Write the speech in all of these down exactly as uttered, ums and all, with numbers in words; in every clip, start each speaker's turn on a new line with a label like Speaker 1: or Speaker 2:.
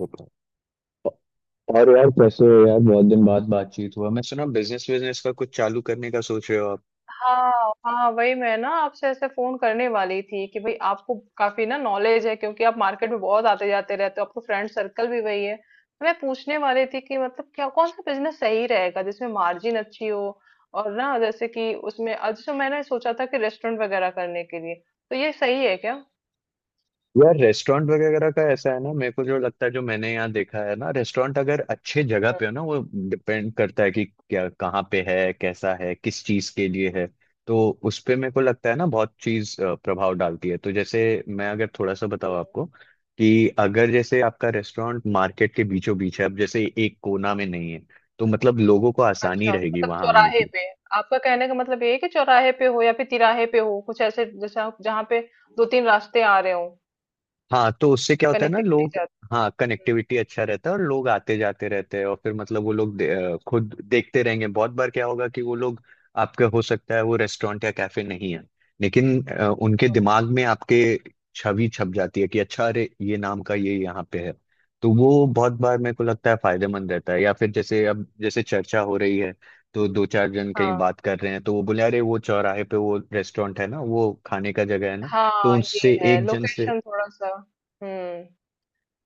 Speaker 1: बताओ। और यार कैसे हो यार? बहुत दिन बाद बातचीत हुआ। मैं सुना बिजनेस बिजनेस का कुछ चालू करने का सोच रहे हो आप।
Speaker 2: हाँ हाँ, वही मैं ना आपसे ऐसे फोन करने वाली थी कि भाई आपको काफी ना नॉलेज है, क्योंकि आप मार्केट में बहुत आते जाते रहते हो, आपका फ्रेंड सर्कल भी वही है। तो मैं पूछने वाली थी कि मतलब क्या कौन सा बिजनेस सही रहेगा जिसमें मार्जिन अच्छी हो। और ना जैसे कि उसमें आज तो मैंने सोचा था कि रेस्टोरेंट वगैरह करने के लिए तो ये सही है क्या? हम्म,
Speaker 1: यार, रेस्टोरेंट वगैरह का ऐसा है ना, मेरे को जो लगता है जो मैंने यहाँ देखा है ना, रेस्टोरेंट अगर अच्छे जगह पे हो ना, वो डिपेंड करता है कि क्या, कहाँ पे है, कैसा है, किस चीज के लिए है। तो उस पे मेरे को लगता है ना, बहुत चीज अ, प्रभाव डालती है। तो जैसे मैं अगर थोड़ा सा
Speaker 2: हम्म।
Speaker 1: बताऊँ आपको, कि अगर जैसे आपका रेस्टोरेंट मार्केट के बीचों बीच है, अब जैसे एक कोना में नहीं है, तो मतलब लोगों को आसानी
Speaker 2: अच्छा,
Speaker 1: रहेगी
Speaker 2: मतलब
Speaker 1: वहां आने
Speaker 2: चौराहे
Speaker 1: की।
Speaker 2: पे। आपका कहने का मतलब ये है कि चौराहे पे हो या फिर तिराहे पे हो, कुछ ऐसे जैसे आप जहाँ पे दो तीन रास्ते आ रहे हो।
Speaker 1: हाँ, तो उससे क्या होता है ना,
Speaker 2: कनेक्टिविटी
Speaker 1: लोग।
Speaker 2: जाती
Speaker 1: हाँ, कनेक्टिविटी अच्छा रहता है और लोग आते जाते रहते हैं, और फिर मतलब वो लोग दे, अ, खुद देखते रहेंगे। बहुत बार क्या होगा कि वो लोग, आपका हो सकता है वो रेस्टोरेंट या कैफे नहीं है, लेकिन अ, उनके
Speaker 2: है।
Speaker 1: दिमाग में आपके छवि छप जाती है कि अच्छा, अरे ये नाम का ये यहाँ पे है। तो वो बहुत बार मेरे को लगता है फायदेमंद रहता है। या फिर जैसे अब जैसे चर्चा हो रही है, तो दो चार जन
Speaker 2: हाँ,
Speaker 1: कहीं बात कर रहे हैं तो वो बोले अरे, वो चौराहे पे वो रेस्टोरेंट है ना, वो खाने का जगह है ना। तो
Speaker 2: हाँ, ये
Speaker 1: उनसे
Speaker 2: है
Speaker 1: एक जन से।
Speaker 2: लोकेशन थोड़ा-सा। हुँ।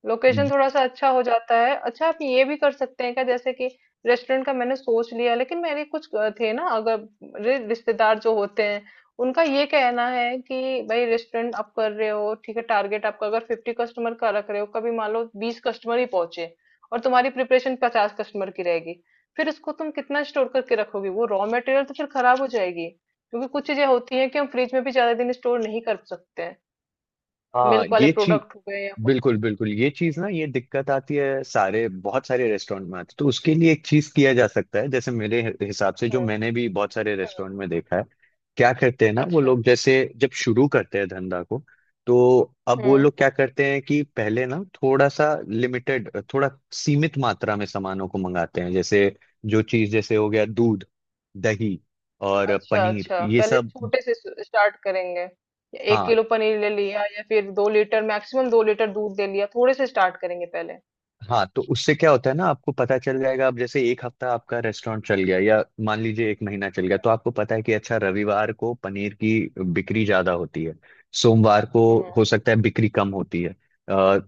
Speaker 2: लोकेशन थोड़ा सा अच्छा हो जाता है। अच्छा, आप ये भी कर सकते हैं क्या, जैसे कि रेस्टोरेंट का मैंने सोच लिया, लेकिन मेरे कुछ अ, थे ना। अगर मेरे रिश्तेदार जो होते हैं, उनका ये कहना है कि भाई रेस्टोरेंट आप कर रहे हो ठीक है, टारगेट आपका अगर फिफ्टी कस्टमर का रख रहे हो, कभी मान लो बीस कस्टमर ही पहुंचे और तुम्हारी प्रिपरेशन पचास कस्टमर की रहेगी, फिर इसको तुम कितना स्टोर करके रखोगे? वो रॉ मटेरियल तो फिर खराब हो जाएगी, क्योंकि कुछ चीजें होती हैं कि हम फ्रिज में भी ज्यादा दिन स्टोर नहीं कर सकते हैं।
Speaker 1: हाँ,
Speaker 2: मिल्क वाले
Speaker 1: ये चीज।
Speaker 2: प्रोडक्ट हो गए या कुछ।
Speaker 1: बिल्कुल बिल्कुल, ये चीज ना, ये दिक्कत आती है, सारे बहुत सारे रेस्टोरेंट में आती है। तो उसके लिए एक चीज किया जा सकता है जैसे मेरे हि- हिसाब से, जो
Speaker 2: हम्म,
Speaker 1: मैंने भी बहुत सारे
Speaker 2: हम्म।
Speaker 1: रेस्टोरेंट में देखा है। क्या करते हैं ना वो
Speaker 2: अच्छा।
Speaker 1: लोग, जैसे जब शुरू करते हैं धंधा को, तो अब
Speaker 2: हुँ।
Speaker 1: वो लोग क्या करते हैं कि पहले ना थोड़ा सा लिमिटेड, थोड़ा सीमित मात्रा में सामानों को मंगाते हैं। जैसे जो चीज जैसे हो गया दूध, दही और
Speaker 2: अच्छा,
Speaker 1: पनीर
Speaker 2: अच्छा,
Speaker 1: ये
Speaker 2: पहले
Speaker 1: सब।
Speaker 2: छोटे से स स्टार्ट करेंगे। एक
Speaker 1: हाँ।
Speaker 2: किलो पनीर ले लिया या फिर दो लीटर, मैक्सिमम दो लीटर दूध ले लिया, थोड़े से स्टार्ट करेंगे पहले।
Speaker 1: हाँ, तो उससे क्या होता है ना, आपको पता चल जाएगा। अब जैसे एक हफ्ता आपका रेस्टोरेंट चल गया, या मान लीजिए एक महीना चल गया, तो आपको पता है कि अच्छा, रविवार को पनीर की बिक्री ज्यादा होती है। सोमवार को
Speaker 2: हुँ,
Speaker 1: हो सकता है बिक्री कम होती है। अ,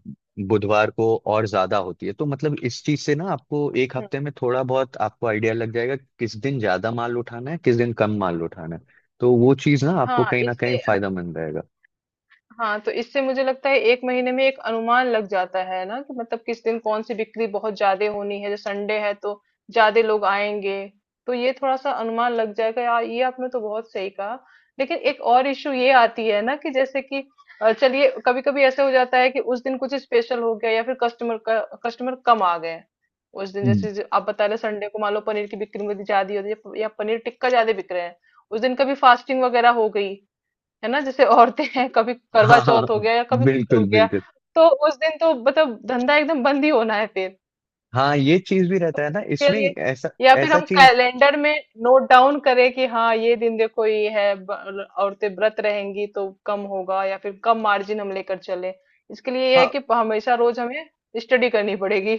Speaker 1: बुधवार को और ज्यादा होती है। तो मतलब इस चीज से ना, आपको एक
Speaker 2: हुँ।
Speaker 1: हफ्ते में थोड़ा बहुत आपको आइडिया लग जाएगा कि किस दिन ज्यादा माल उठाना है, किस दिन कम माल उठाना है। तो वो चीज ना आपको
Speaker 2: हाँ,
Speaker 1: कहीं ना कहीं
Speaker 2: इससे।
Speaker 1: फायदामंद रहेगा।
Speaker 2: हाँ, तो इससे मुझे लगता है एक महीने में एक अनुमान लग जाता है ना कि मतलब किस दिन कौन-सी बिक्री बहुत ज़्यादा होनी है। जैसे संडे है तो ज़्यादा लोग आएँगे, तो ये थोड़ा-सा अनुमान लग जाएगा। या ये आपने तो बहुत सही कहा। लेकिन एक और इश्यू ये आती है ना कि जैसे कि अ, चलिए कभी-कभी ऐसा हो जाता है कि उस दिन कुछ स्पेशल हो गया या फिर कस्टमर का कस्टमर कम आ गए। उस दिन
Speaker 1: हम्म।
Speaker 2: जैसे ज आप बता रहे संडे को मान लो पनीर की बिक्री मेरी ज़्यादा हो रही है या पनीर टिक्का ज़्यादा बिक रहे हैं। उस दिन कभी फास्टिंग वगैरह हो गई। है ना, जैसे औरतें हैं कभी करवा
Speaker 1: हाँ हाँ,
Speaker 2: चौथ हो गया या कभी कुछ
Speaker 1: बिल्कुल
Speaker 2: हो गया,
Speaker 1: बिल्कुल।
Speaker 2: तो उस दिन तो मतलब धंधा एकदम बंद ही होना है फिर।
Speaker 1: हाँ, ये चीज भी
Speaker 2: तो
Speaker 1: रहता है ना
Speaker 2: उसके
Speaker 1: इसमें।
Speaker 2: लिए
Speaker 1: ऐसा,
Speaker 2: या फिर
Speaker 1: ऐसा
Speaker 2: हम
Speaker 1: चीज।
Speaker 2: कैलेंडर में नोट डाउन करें कि हाँ ये दिन देखो ये है ब- औरतें व्रत रहेंगी तो कम होगा, या फिर कम मार्जिन हम लेकर चले। इसके लिए ये है
Speaker 1: हाँ
Speaker 2: कि हमेशा रोज हमें स्टडी करनी पड़ेगी।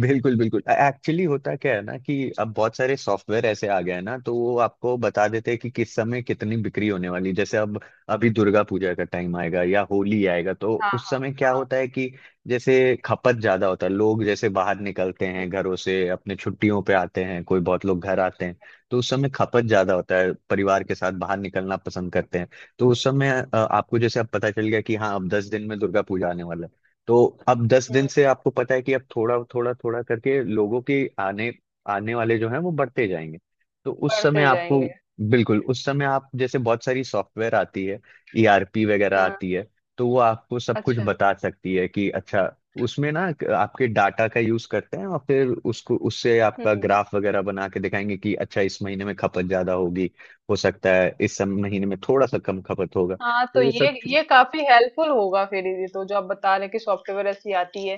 Speaker 1: बिल्कुल बिल्कुल। एक्चुअली होता क्या है ना कि अब बहुत सारे सॉफ्टवेयर ऐसे आ गए हैं ना, तो वो आपको बता देते हैं कि किस समय कितनी बिक्री होने वाली है। जैसे अब अभी दुर्गा पूजा का टाइम आएगा या होली आएगा, तो
Speaker 2: हाँ,
Speaker 1: उस
Speaker 2: हाँ,
Speaker 1: समय क्या
Speaker 2: हाँ।
Speaker 1: होता है कि जैसे खपत ज्यादा होता है। लोग जैसे बाहर निकलते
Speaker 2: हम्म,
Speaker 1: हैं घरों से, अपने छुट्टियों पे आते हैं, कोई बहुत लोग घर आते हैं। तो उस समय खपत ज्यादा होता है, परिवार के साथ बाहर निकलना पसंद करते हैं। तो उस समय अ, आपको जैसे अब पता चल गया कि हाँ अब दस दिन में दुर्गा पूजा आने वाला है। तो अब दस
Speaker 2: हम्म,
Speaker 1: दिन से आपको पता है कि अब थोड़ा थोड़ा थोड़ा करके लोगों के आने आने वाले जो हैं वो बढ़ते जाएंगे। तो उस समय
Speaker 2: बढ़ते
Speaker 1: आपको,
Speaker 2: जाएंगे।
Speaker 1: बिल्कुल उस समय आप जैसे, बहुत सारी सॉफ्टवेयर आती है, ईआरपी वगैरह
Speaker 2: हाँ।
Speaker 1: आती है। तो वो आपको सब कुछ
Speaker 2: अच्छा।
Speaker 1: बता सकती है कि अच्छा, उसमें ना एक आपके डाटा का यूज करते हैं और फिर उसको उससे आपका
Speaker 2: हम्म।
Speaker 1: ग्राफ वगैरह बना के दिखाएंगे कि अच्छा इस महीने में खपत ज्यादा होगी। हो सकता है इस सब महीने में थोड़ा सा कम खपत होगा,
Speaker 2: हाँ, तो
Speaker 1: तो वो
Speaker 2: ये
Speaker 1: सब चीज़-
Speaker 2: ये काफी हेल्पफुल होगा फिर, ये तो जो आप बता रहे हैं कि सॉफ्टवेयर ऐसी आती है,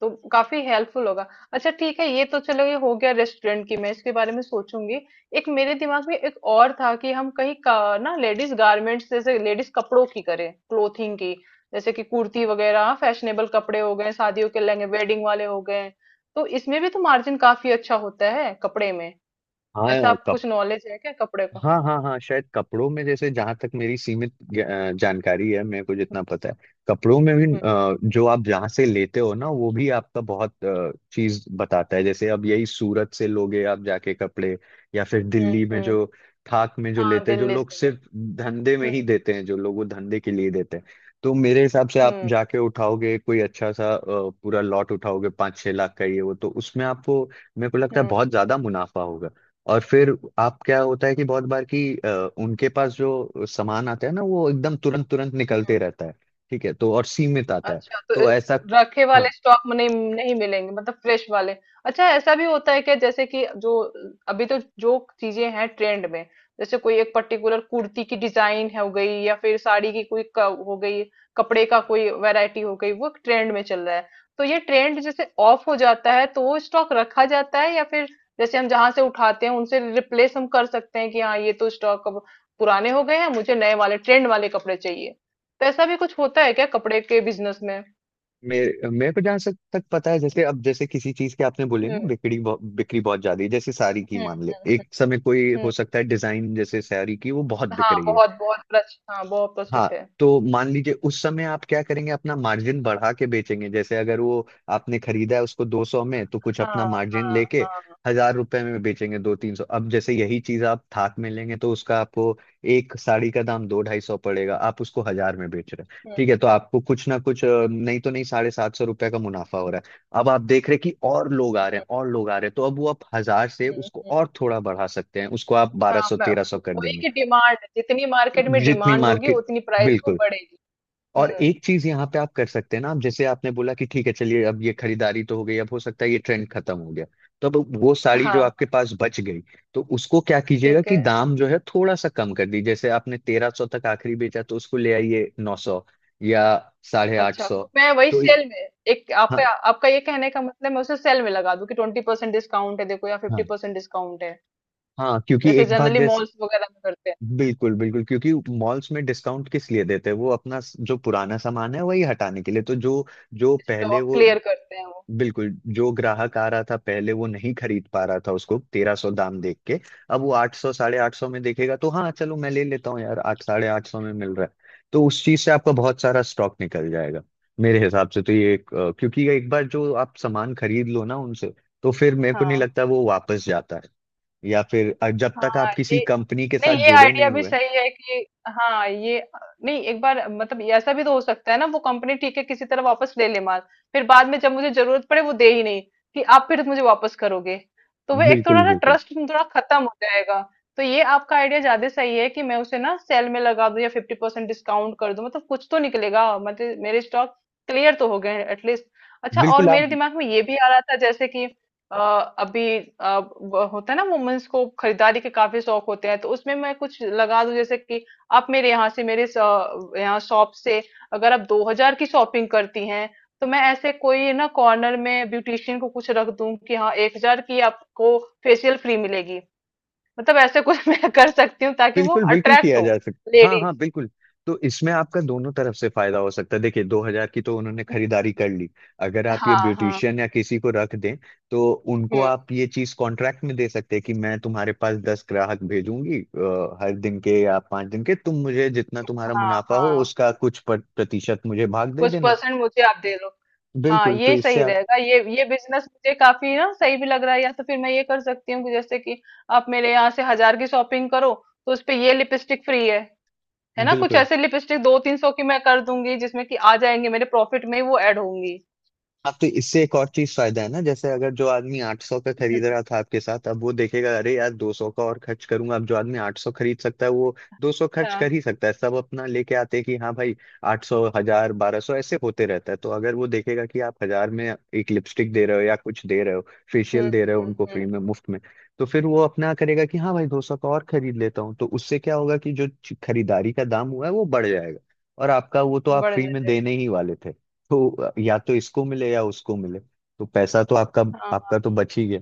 Speaker 2: तो काफी हेल्पफुल होगा। अच्छा, ठीक है, ये तो चलो ये हो गया रेस्टोरेंट की, मैं इसके बारे में सोचूंगी। एक मेरे दिमाग में एक और था कि हम कहीं का, ना लेडीज गारमेंट्स, जैसे लेडीज कपड़ों की करें, क्लोथिंग की। जैसे कि कुर्ती वगैरह फैशनेबल कपड़े हो गए, शादियों के लहंगे वेडिंग वाले हो गए, तो इसमें भी तो मार्जिन काफी अच्छा होता है कपड़े में।
Speaker 1: हाँ
Speaker 2: ऐसा आप कुछ नॉलेज है क्या कपड़े का?
Speaker 1: हाँ हाँ। हाँ, शायद कपड़ों में जैसे जहां तक मेरी सीमित ज- अ, जानकारी है, मेरे को जितना पता है, कपड़ों में भी
Speaker 2: हम्म,
Speaker 1: अ, जो आप जहाँ से लेते हो ना, वो भी आपका बहुत अ, चीज बताता है। जैसे अब यही सूरत से लोगे आप जाके कपड़े, या फिर
Speaker 2: हम्म,
Speaker 1: दिल्ली में
Speaker 2: हम्म।
Speaker 1: जो थाक में जो
Speaker 2: हाँ,
Speaker 1: लेते हैं जो
Speaker 2: दिल्ली
Speaker 1: लोग,
Speaker 2: से भी।
Speaker 1: सिर्फ धंधे में ही
Speaker 2: हम्म।
Speaker 1: देते हैं जो लोग, वो धंधे के लिए देते हैं। तो मेरे हिसाब से आप
Speaker 2: हुँ,
Speaker 1: जाके उठाओगे कोई अच्छा सा अ, पूरा लॉट उठाओगे, पाँच छह लाख का ये वो, तो उसमें आपको मेरे को लगता है
Speaker 2: हुँ,
Speaker 1: बहुत ज्यादा मुनाफा होगा। और फिर आप, क्या होता है कि बहुत बार कि अ, उनके पास जो सामान आता है ना, वो एकदम तुरंत तुरंत
Speaker 2: हुँ।
Speaker 1: निकलते रहता है। ठीक है, तो और सीमित आता है।
Speaker 2: अच्छा, तो
Speaker 1: तो
Speaker 2: अ,
Speaker 1: ऐसा।
Speaker 2: रखे वाले
Speaker 1: हाँ,
Speaker 2: स्टॉक में नहीं, नहीं मिलेंगे मतलब फ्रेश वाले। अच्छा, ऐसा भी होता है क्या, जैसे कि जो अभी तो जो चीज़ें हैं ट्रेंड में, जैसे कोई एक पर्टिकुलर कुर्ती की डिज़ाइन हो गई या फिर साड़ी की कोई क हो गई, कपड़े का कोई वैरायटी हो गई, वो ट्रेंड में चल रहा है। तो ये ट्रेंड जैसे ऑफ हो जाता है तो वो स्टॉक रखा जाता है, या फिर जैसे हम जहाँ से उठाते हैं उनसे रिप्लेस हम कर सकते हैं कि हाँ, ये तो स्टॉक अब पुराने हो गए हैं, मुझे नए वाले ट्रेंड वाले कपड़े चाहिए? तो ऐसा भी कुछ होता है क्या कपड़े के बिजनेस में?
Speaker 1: मेरे मेरे को जहाँ तक तक पता है, जैसे अब जैसे किसी चीज के आपने बोले
Speaker 2: हुँ,
Speaker 1: ना, बिक्री बहु- बिक्री बहुत ज्यादा है, जैसे साड़ी की
Speaker 2: हुँ,
Speaker 1: मान ले,
Speaker 2: हुँ, हुँ,
Speaker 1: एक समय कोई
Speaker 2: हुँ।
Speaker 1: हो सकता है डिजाइन जैसे साड़ी की वो बहुत बिक
Speaker 2: हाँ,
Speaker 1: रही है।
Speaker 2: बहुत बहुत प्रच हाँ, बहुत
Speaker 1: हाँ,
Speaker 2: प्रचलित है।
Speaker 1: तो मान लीजिए उस समय आप क्या करेंगे, अपना मार्जिन बढ़ा के बेचेंगे। जैसे अगर वो आपने खरीदा है उसको दो सौ में, तो कुछ अपना
Speaker 2: हाँ,
Speaker 1: मार्जिन
Speaker 2: हाँ,
Speaker 1: लेके
Speaker 2: हाँ।
Speaker 1: हजार रुपए में बेचेंगे, दो तीन सौ। अब जैसे यही चीज आप थाक में लेंगे, तो उसका आपको एक साड़ी का दाम दो ढाई सौ पड़ेगा, आप उसको हजार में बेच रहे हैं
Speaker 2: हुँ,
Speaker 1: ठीक है, तो आपको कुछ ना कुछ, अ, नहीं तो नहीं, साढ़े सात सौ रुपए का मुनाफा हो रहा है। अब आप देख रहे हैं कि और लोग आ रहे
Speaker 2: हुँ,
Speaker 1: हैं, और लोग आ रहे हैं, तो अब वो आप हजार से
Speaker 2: हुँ,
Speaker 1: उसको
Speaker 2: हुँ।
Speaker 1: और थोड़ा बढ़ा सकते हैं, उसको आप बारह
Speaker 2: हाँ,
Speaker 1: सौ
Speaker 2: मैं
Speaker 1: तेरह सौ कर
Speaker 2: वही
Speaker 1: देंगे।
Speaker 2: कि डिमांड जितनी मार्केट में
Speaker 1: जितनी
Speaker 2: डिमांड होगी
Speaker 1: मार्केट,
Speaker 2: उतनी प्राइस वो
Speaker 1: बिल्कुल।
Speaker 2: बढ़ेगी।
Speaker 1: और
Speaker 2: हुँ।
Speaker 1: एक चीज यहाँ पे आप कर सकते हैं ना, आप जैसे आपने बोला कि ठीक है चलिए, अब ये खरीदारी तो हो गई, अब हो सकता है ये ट्रेंड खत्म हो गया, तो अब वो
Speaker 2: हाँ,
Speaker 1: साड़ी जो आपके
Speaker 2: हाँ,
Speaker 1: पास बच गई, तो उसको क्या कीजिएगा
Speaker 2: ठीक
Speaker 1: कि
Speaker 2: है।
Speaker 1: दाम जो है थोड़ा सा कम कर दीजिए। जैसे आपने तेरह सौ तक आखिरी बेचा, तो उसको ले आइए नौ सौ, या साढ़े आठ
Speaker 2: अच्छा,
Speaker 1: सौ।
Speaker 2: तो मैं वही
Speaker 1: तो इ-
Speaker 2: सेल में एक
Speaker 1: हाँ
Speaker 2: आपका आपका ये कहने का मतलब मैं उसे सेल में लगा दूँ कि बीस परसेंट डिस्काउंट है देखो या
Speaker 1: हाँ
Speaker 2: पचास परसेंट डिस्काउंट है।
Speaker 1: हाँ, क्योंकि
Speaker 2: जैसे
Speaker 1: एक बात
Speaker 2: जनरली
Speaker 1: जैसे,
Speaker 2: मॉल्स वगैरह में करते हैं,
Speaker 1: बिल्कुल बिल्कुल, क्योंकि मॉल्स में डिस्काउंट किस लिए देते हैं? वो अपना स- जो पुराना सामान है वही हटाने के लिए। तो जो, जो पहले
Speaker 2: स्टॉक
Speaker 1: वो,
Speaker 2: क्लियर करते हैं वो।
Speaker 1: बिल्कुल। जो ग्राहक आ रहा था पहले, वो नहीं खरीद पा रहा था उसको तेरह सौ दाम देख के, अब वो आठ सौ साढ़े आठ सौ में देखेगा तो हाँ चलो मैं ले लेता हूँ यार, आठ साढ़े आठ सौ में मिल रहा है। तो उस चीज से आपका बहुत सारा स्टॉक निकल जाएगा। मेरे हिसाब से तो ये एक, अ, क्योंकि ये एक बार जो आप सामान खरीद लो ना उनसे, तो फिर मेरे को नहीं
Speaker 2: हाँ।
Speaker 1: लगता वो वापस जाता है। या फिर अ, जब तक
Speaker 2: हाँ,
Speaker 1: आप किसी
Speaker 2: ये
Speaker 1: कंपनी के
Speaker 2: नहीं,
Speaker 1: साथ
Speaker 2: ये
Speaker 1: जुड़े
Speaker 2: आइडिया
Speaker 1: नहीं
Speaker 2: भी
Speaker 1: हुए।
Speaker 2: सही है कि हाँ ये, नहीं एक बार मतलब ये ऐसा भी तो हो सकता है ना, वो कंपनी ठीक है किसी तरह वापस ले ले माल, फिर बाद में जब मुझे जरूरत पड़े वो दे ही नहीं कि आप फिर मुझे वापस करोगे, तो वो एक
Speaker 1: बिल्कुल
Speaker 2: थोड़ा ना
Speaker 1: बिल्कुल
Speaker 2: ट्रस्ट थोड़ा खत्म हो जाएगा। तो ये आपका आइडिया ज्यादा सही है कि मैं उसे ना सेल में लगा दूं या फिफ्टी परसेंट डिस्काउंट कर दूं, मतलब कुछ तो निकलेगा, मतलब मेरे स्टॉक क्लियर तो हो गए एटलीस्ट। अच्छा, और
Speaker 1: बिल्कुल आप,
Speaker 2: मेरे दिमाग में ये भी आ रहा था जैसे कि अ, अभी अ, वो होता है ना, वुमेन्स को खरीदारी के काफी शौक होते हैं, तो उसमें मैं कुछ लगा दूं जैसे कि आप मेरे यहाँ से मेरे स- यहाँ शॉप से अगर आप दो हजार की शॉपिंग करती हैं तो मैं ऐसे कोई ना कॉर्नर में ब्यूटिशियन को कुछ रख दूं कि हाँ एक हजार की आपको फेशियल फ्री मिलेगी, मतलब ऐसे कुछ मैं कर सकती हूँ ताकि वो
Speaker 1: बिल्कुल बिल्कुल
Speaker 2: अट्रैक्ट
Speaker 1: किया
Speaker 2: हो
Speaker 1: जा सकता, हाँ
Speaker 2: लेडीज।
Speaker 1: हाँ बिल्कुल। तो इसमें आपका दोनों तरफ से फायदा हो सकता है। देखिए, दो हजार की तो उन्होंने खरीदारी कर ली, अगर आप ये
Speaker 2: हाँ, हाँ।
Speaker 1: ब्यूटिशियन या किसी को रख दें, तो उनको
Speaker 2: हम्म।
Speaker 1: आप ये चीज कॉन्ट्रैक्ट में दे सकते हैं कि मैं तुम्हारे पास दस ग्राहक भेजूंगी, अ, हर दिन के या पांच दिन के, तुम मुझे जितना तुम्हारा
Speaker 2: हाँ,
Speaker 1: मुनाफा हो
Speaker 2: हाँ,
Speaker 1: उसका कुछ पर- प्रतिशत मुझे भाग दे
Speaker 2: कुछ
Speaker 1: देना।
Speaker 2: परसेंट मुझे आप दे दो। हाँ,
Speaker 1: बिल्कुल, तो
Speaker 2: ये
Speaker 1: इससे
Speaker 2: सही
Speaker 1: आप,
Speaker 2: रहेगा, ये ये बिजनेस मुझे काफी ना सही भी लग रहा है। या तो फिर मैं ये कर सकती हूँ कि जैसे कि आप मेरे यहाँ से हजार की शॉपिंग करो तो उस पे ये लिपस्टिक फ्री है है ना, कुछ
Speaker 1: बिल्कुल।
Speaker 2: ऐसे लिपस्टिक दो तीन सौ की मैं कर दूंगी जिसमें कि आ जाएंगे मेरे प्रॉफिट में ही वो ऐड होंगी।
Speaker 1: हाँ, तो इससे एक और चीज फायदा है ना, जैसे अगर जो आदमी आठ सौ का खरीद
Speaker 2: हम्म।
Speaker 1: रहा था आपके साथ, अब वो देखेगा अरे यार दो सौ का और खर्च करूंगा। अब जो आदमी आठ सौ खरीद सकता है, वो दो सौ खर्च कर
Speaker 2: हाँ।
Speaker 1: ही सकता है। सब अपना लेके आते हैं कि हाँ भाई आठ सौ हजार बारह सौ, ऐसे होते रहता है। तो अगर वो देखेगा कि आप हजार में एक लिपस्टिक दे रहे हो या कुछ दे रहे हो,
Speaker 2: हम्म,
Speaker 1: फेशियल दे रहे हो
Speaker 2: हम्म,
Speaker 1: उनको फ्री
Speaker 2: हम्म,
Speaker 1: में मुफ्त में, तो फिर वो अपना करेगा कि हाँ भाई, दो सौ का और खरीद लेता हूँ। तो उससे क्या होगा कि जो खरीदारी का दाम हुआ है वो बढ़ जाएगा, और आपका वो तो आप
Speaker 2: बढ़
Speaker 1: फ्री में
Speaker 2: जाए।
Speaker 1: देने ही वाले थे। तो या तो इसको मिले या उसको मिले, तो पैसा तो आपका,
Speaker 2: हाँ।
Speaker 1: आपका तो बच ही गया।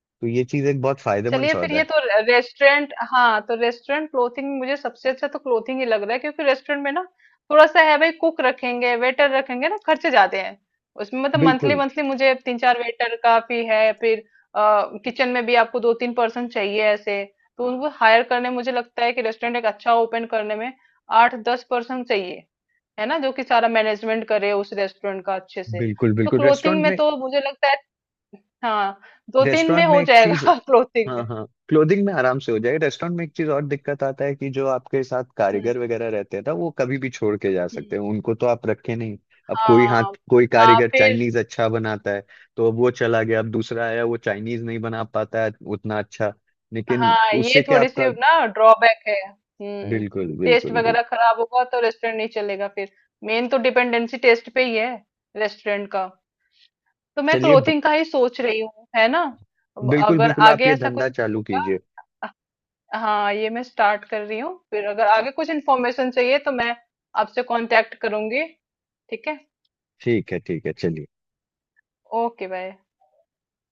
Speaker 1: तो ये चीज एक बहुत फायदेमंद
Speaker 2: चलिए, फिर
Speaker 1: सौदा
Speaker 2: ये
Speaker 1: है।
Speaker 2: तो रेस्टोरेंट। हाँ, तो रेस्टोरेंट, क्लोथिंग, मुझे सबसे अच्छा तो क्लोथिंग ही लग रहा है, क्योंकि रेस्टोरेंट में ना थोड़ा सा है भाई, कुक रखेंगे, वेटर रखेंगे ना, खर्चे ज्यादा हैं। उसमें मतलब मंथली
Speaker 1: बिल्कुल
Speaker 2: मंथली मुझे तीन चार वेटर काफी है फिर, किचन में भी आपको दो तीन पर्सन चाहिए ऐसे। तो उनको हायर करने, मुझे लगता है कि रेस्टोरेंट एक अच्छा ओपन करने में आठ दस पर्सन चाहिए, है ना, जो कि सारा मैनेजमेंट करे उस रेस्टोरेंट का अच्छे से।
Speaker 1: बिल्कुल
Speaker 2: तो
Speaker 1: बिल्कुल।
Speaker 2: क्लोथिंग
Speaker 1: रेस्टोरेंट
Speaker 2: में
Speaker 1: में,
Speaker 2: तो मुझे लगता है हाँ दो तीन में
Speaker 1: रेस्टोरेंट में
Speaker 2: हो
Speaker 1: एक चीज।
Speaker 2: जाएगा क्लोथिंग
Speaker 1: हाँ
Speaker 2: में।
Speaker 1: हाँ, क्लोथिंग में आराम से हो जाएगा। रेस्टोरेंट में एक चीज और दिक्कत आता है कि जो आपके साथ
Speaker 2: हम्म।
Speaker 1: कारीगर वगैरह रहते हैं ना, वो कभी भी छोड़ के जा सकते
Speaker 2: हुँ,
Speaker 1: हैं, उनको तो आप रखे नहीं। अब कोई
Speaker 2: हाँ,
Speaker 1: हाथ, कोई
Speaker 2: हाँ,
Speaker 1: कारीगर
Speaker 2: फिर।
Speaker 1: चाइनीज अच्छा बनाता है, तो अब वो चला गया, अब दूसरा आया वो चाइनीज नहीं बना पाता है उतना अच्छा। लेकिन
Speaker 2: हाँ, ये
Speaker 1: उससे क्या
Speaker 2: थोड़ी-सी
Speaker 1: आपका,
Speaker 2: ना ड्रॉबैक है। हुँ,
Speaker 1: बिल्कुल
Speaker 2: टेस्ट
Speaker 1: बिल्कुल बिल्कुल।
Speaker 2: वगैरह खराब होगा तो रेस्टोरेंट नहीं चलेगा फिर। मेन तो डिपेंडेंसी टेस्ट पे ही है रेस्टोरेंट का। तो मैं
Speaker 1: चलिए,
Speaker 2: क्लोथिंग का ही सोच रही हूँ, है ना? अब
Speaker 1: बिल्कुल
Speaker 2: अगर
Speaker 1: बिल्कुल आप
Speaker 2: आगे
Speaker 1: ये
Speaker 2: ऐसा कुछ
Speaker 1: धंधा चालू
Speaker 2: होगा
Speaker 1: कीजिए।
Speaker 2: अ, हाँ, ये मैं स्टार्ट कर रही हूँ। फिर अगर आगे कुछ इन्फॉर्मेशन चाहिए तो मैं आपसे कांटेक्ट करूँगी, ठीक है?
Speaker 1: ठीक है ठीक है, चलिए।
Speaker 2: Okay, bye.